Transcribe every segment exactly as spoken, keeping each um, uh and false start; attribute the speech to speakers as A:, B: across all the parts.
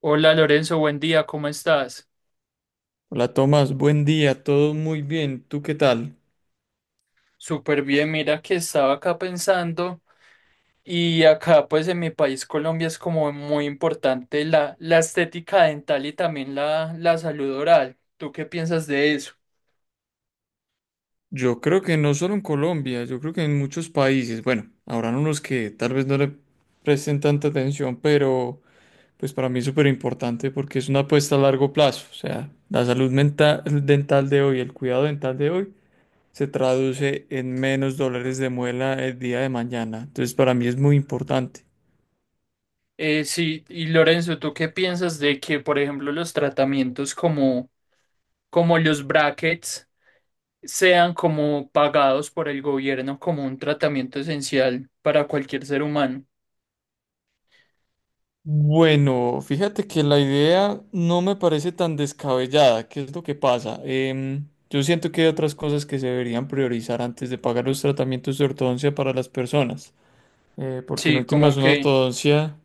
A: Hola Lorenzo, buen día, ¿cómo estás?
B: Hola Tomás, buen día, todo muy bien, ¿tú qué tal?
A: Súper bien, mira que estaba acá pensando y acá pues en mi país Colombia es como muy importante la, la estética dental y también la, la salud oral. ¿Tú qué piensas de eso?
B: Yo creo que no solo en Colombia, yo creo que en muchos países, bueno, habrán unos que tal vez no le presten tanta atención, pero pues para mí es súper importante porque es una apuesta a largo plazo, o sea, la salud mental, dental de hoy, el cuidado dental de hoy, se traduce en menos dólares de muela el día de mañana, entonces para mí es muy importante.
A: Eh, sí, y Lorenzo, ¿tú qué piensas de que por ejemplo los tratamientos como, como los brackets sean como pagados por el gobierno como un tratamiento esencial para cualquier ser humano?
B: Bueno, fíjate que la idea no me parece tan descabellada. ¿Qué es lo que pasa? Em, yo siento que hay otras cosas que se deberían priorizar antes de pagar los tratamientos de ortodoncia para las personas. Eh, porque en
A: Sí, como
B: últimas una
A: que
B: ortodoncia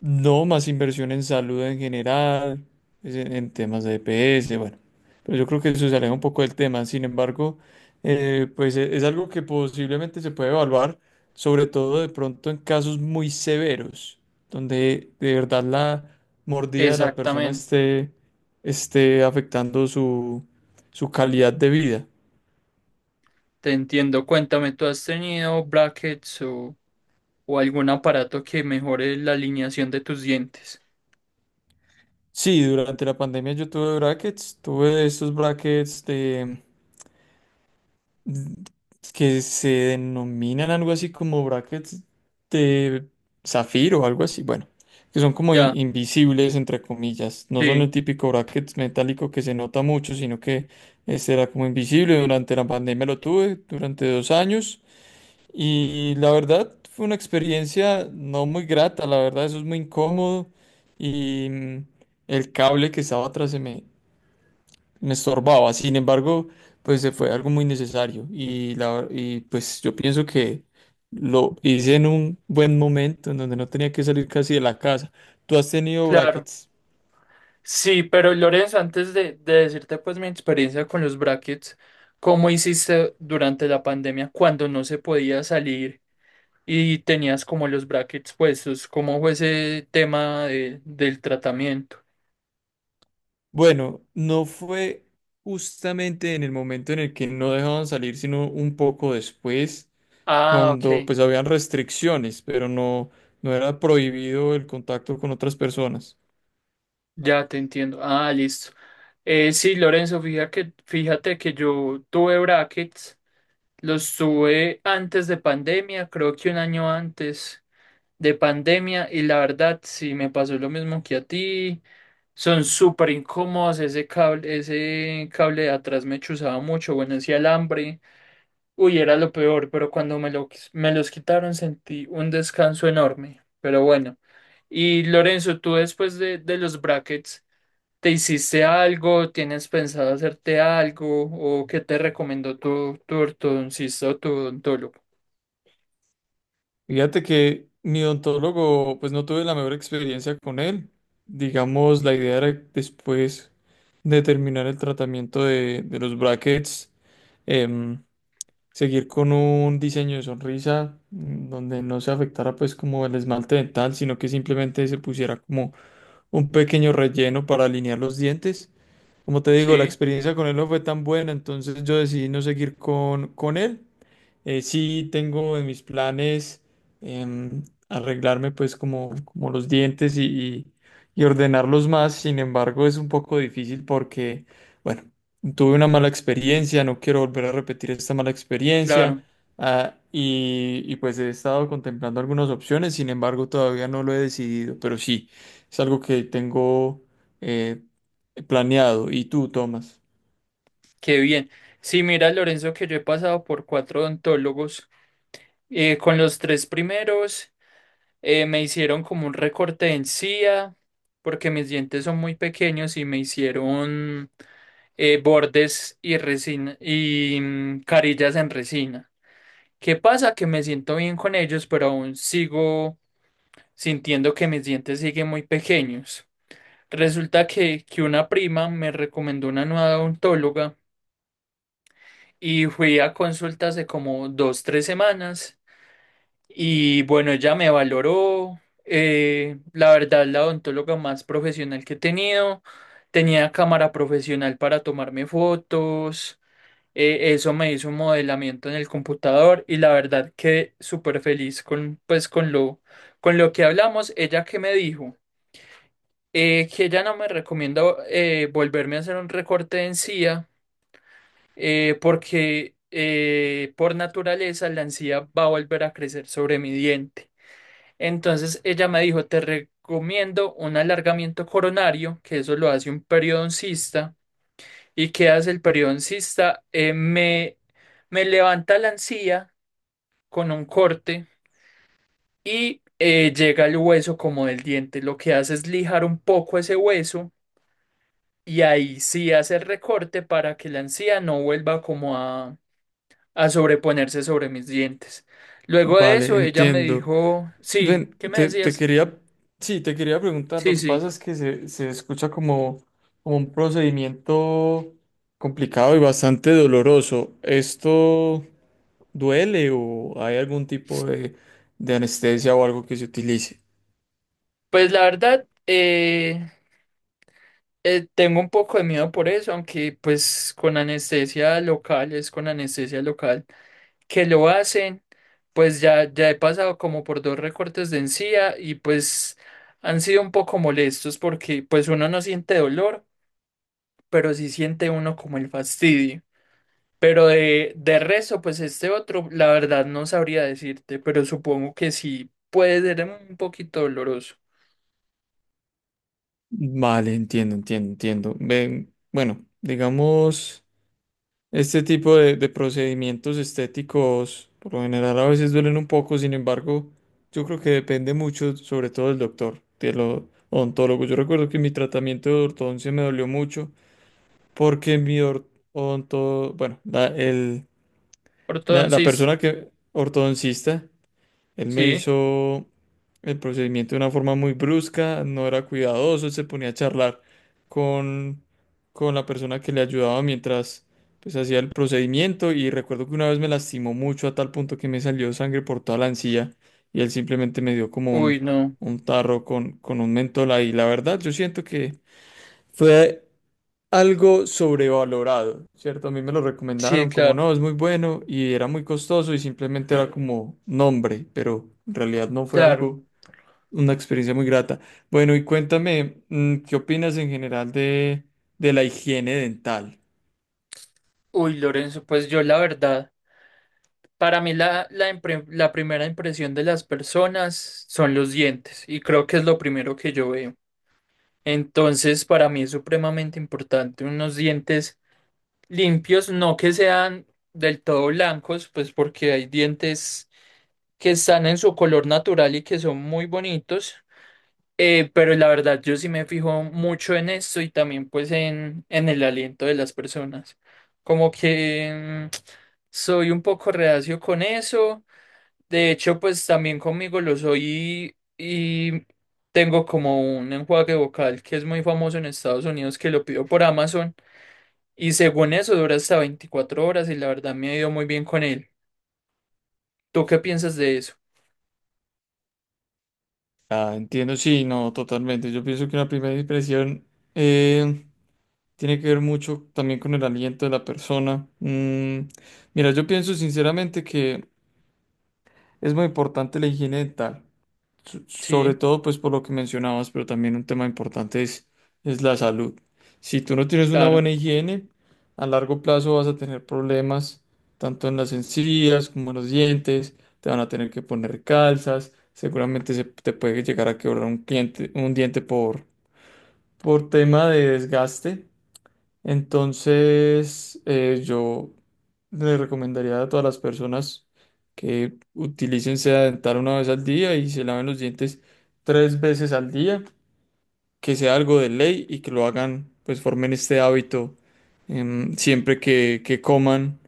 B: no, más inversión en salud en general, es en, en temas de EPS, bueno. Pero yo creo que eso se aleja un poco del tema. Sin embargo, eh, pues e- es, algo que posiblemente se puede evaluar, sobre todo de pronto en casos muy severos, donde de verdad la mordida de la persona
A: exactamente.
B: esté, esté afectando su, su calidad de vida.
A: Te entiendo, cuéntame, ¿tú has tenido brackets o, o algún aparato que mejore la alineación de tus dientes?
B: Sí, durante la pandemia yo tuve brackets, tuve estos brackets mm, que se denominan algo así como brackets de zafiro o algo así, bueno, que son como in-
A: Ya,
B: invisibles entre comillas, no son
A: sí,
B: el típico bracket metálico que se nota mucho, sino que este era como invisible, durante la pandemia lo tuve durante dos años y la verdad fue una experiencia no muy grata, la verdad eso es muy incómodo y mm, el cable que estaba atrás se me me estorbaba. Sin embargo, pues se fue algo muy necesario y, la, y pues yo pienso que lo hice en un buen momento en donde no tenía que salir casi de la casa. ¿Tú has tenido
A: claro.
B: brackets?
A: Sí, pero Lorenzo, antes de, de decirte pues mi experiencia con los brackets, ¿cómo hiciste durante la pandemia cuando no se podía salir y tenías como los brackets puestos? ¿Cómo fue ese tema de- del tratamiento?
B: Bueno, no fue justamente en el momento en el que no dejaban salir, sino un poco después,
A: Ah,
B: cuando
A: ok,
B: pues habían restricciones, pero no, no era prohibido el contacto con otras personas.
A: ya te entiendo. Ah, listo. Eh, sí, Lorenzo, fíjate que, fíjate que yo tuve brackets. Los sube antes de pandemia, creo que un año antes de pandemia, y la verdad, sí me pasó lo mismo que a ti. Son súper incómodos, ese cable, ese cable de atrás me chuzaba mucho, bueno, ese alambre, uy, era lo peor, pero cuando me lo, quis- me los quitaron sentí un descanso enorme, pero bueno. Y Lorenzo, tú después de, de los brackets, ¿te hiciste algo? ¿Tienes pensado hacerte algo? ¿O qué te recomendó tu, tu ortodoncista o tu odontólogo?
B: Fíjate que mi odontólogo, pues no tuve la mejor experiencia con él. Digamos, la idea era después de terminar el tratamiento de, de los brackets, em, seguir con un diseño de sonrisa mm, donde no se afectara pues como el esmalte dental, sino que simplemente se pusiera como un pequeño relleno para alinear los dientes. Como te digo, la
A: Sí,
B: experiencia con él no fue tan buena, entonces yo decidí no seguir con, con él. Eh, sí tengo en mis planes em, arreglarme pues como, como los dientes y, y- y ordenarlos más, sin embargo es un poco difícil porque, bueno, tuve una mala experiencia, no quiero volver a repetir esta mala
A: claro,
B: experiencia ah, y, y pues he estado contemplando algunas opciones, sin embargo todavía no lo he decidido, pero sí, es algo que tengo... eh, Planeado. ¿Y tú, Tomás?
A: qué bien. Sí, mira, Lorenzo, que yo he pasado por cuatro odontólogos. Eh, con los tres primeros eh, me hicieron como un recorte de encía, porque mis dientes son muy pequeños y me hicieron eh, bordes y resina y mm, carillas en resina. ¿Qué pasa? Que me siento bien con ellos, pero aún sigo sintiendo que mis dientes siguen muy pequeños. Resulta que, que una prima me recomendó una nueva odontóloga y fui a consultas de como dos, tres semanas y bueno, ella me valoró. Eh, la verdad, la odontóloga más profesional que he tenido. Tenía cámara profesional para tomarme fotos. Eh, eso me hizo un modelamiento en el computador y la verdad quedé súper feliz con, pues, con lo, con lo que hablamos. Ella que me dijo eh, que ella no me recomienda eh, volverme a hacer un recorte de encía, eh, porque eh, por naturaleza la encía va a volver a crecer sobre mi diente. Entonces ella me dijo, te recomiendo un alargamiento coronario, que eso lo hace un periodoncista. ¿Y qué hace el periodoncista? Eh, me, me levanta la encía con un corte y eh, llega al hueso como del diente. Lo que hace es lijar un poco ese hueso y ahí sí hace el recorte para que la encía no vuelva como a a sobreponerse sobre mis dientes. Luego de
B: Vale,
A: eso, ella me
B: entiendo.
A: dijo, sí,
B: Ven,
A: ¿qué me
B: te, te
A: decías?
B: quería, sí, te quería preguntar,
A: Sí,
B: lo que
A: sí.
B: pasa es que se, se escucha como, como un procedimiento complicado y bastante doloroso. ¿Esto duele o hay algún tipo de, de anestesia o algo que se utilice?
A: Pues la verdad, eh, eh, tengo un poco de miedo por eso, aunque pues con anestesia local, es con anestesia local que lo hacen, pues ya, ya he pasado como por dos recortes de encía y pues han sido un poco molestos porque pues uno no siente dolor, pero sí siente uno como el fastidio. Pero de, de resto, pues este otro, la verdad no sabría decirte, pero supongo que sí puede ser un poquito doloroso.
B: Vale, entiendo, entiendo, entiendo. Ven, bueno, digamos... Este tipo de, de procedimientos estéticos por lo general a veces duelen un poco, sin embargo, yo creo que depende mucho, sobre todo del doctor, del o- odontólogo. Yo recuerdo que mi tratamiento de ortodoncia me dolió mucho porque mi or- odonto, bueno, la, el, la, la
A: Ortodoncista,
B: persona que, ortodoncista, él me
A: sí.
B: hizo el procedimiento de una forma muy brusca, no era cuidadoso, él se ponía a charlar con, con la persona que le ayudaba mientras pues hacía el procedimiento y recuerdo que una vez me lastimó mucho a tal punto que me salió sangre por toda la encía y él simplemente me dio como
A: Uy,
B: un,
A: no.
B: un tarro con, con un mentol ahí. La verdad, yo siento que fue algo sobrevalorado, ¿cierto? A mí me lo
A: Sí,
B: recomendaron como
A: claro,
B: no, es muy bueno y era muy costoso y simplemente era como nombre, pero en realidad no fue
A: claro.
B: algo, una experiencia muy grata. Bueno, y cuéntame, mm, ¿qué opinas en general de, de la higiene dental?
A: Uy, Lorenzo, pues yo la verdad, para mí la, la, impre- la primera impresión de las personas son los dientes y creo que es lo primero que yo veo. Entonces, para mí es supremamente importante unos dientes limpios, no que sean del todo blancos, pues porque hay dientes que están en su color natural y que son muy bonitos. Eh, pero la verdad, yo sí me fijo mucho en esto y también pues en, en el aliento de las personas. Como que mm, soy un poco reacio con eso. De hecho, pues también conmigo lo soy y, y tengo como un enjuague vocal que es muy famoso en Estados Unidos que lo pido por Amazon y según eso dura hasta veinticuatro horas y la verdad me ha ido muy bien con él. ¿Tú qué piensas de eso?
B: Ah, entiendo, sí, no, totalmente. Yo pienso que una primera impresión eh, tiene que ver mucho también con el aliento de la persona. Mm, mira, yo pienso sinceramente que es muy importante la higiene dental. So- Sobre
A: Sí,
B: todo, pues por lo que mencionabas, pero también un tema importante es, es la salud. Si tú no tienes una
A: claro.
B: buena higiene, a largo plazo vas a tener problemas tanto en las encías como en los dientes, te van a tener que poner calzas, seguramente se te puede llegar a quebrar un cliente, un diente por, por tema de desgaste. Entonces, eh, yo le recomendaría a todas las personas que utilicen seda dental una vez al día y se laven los dientes tres veces al día, que sea algo de ley y que lo hagan, pues formen este hábito em, siempre que, que coman,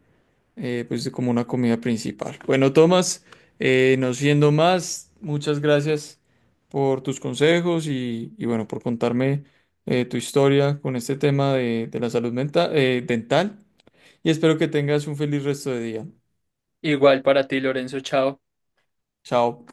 B: eh, pues como una comida principal. Bueno, Tomás, eh, no siendo más, muchas gracias por tus consejos y, y bueno, por contarme eh, tu historia con este tema de, de la salud mental, dental y espero que tengas un feliz resto de día.
A: Igual para ti, Lorenzo, chao.
B: Chao.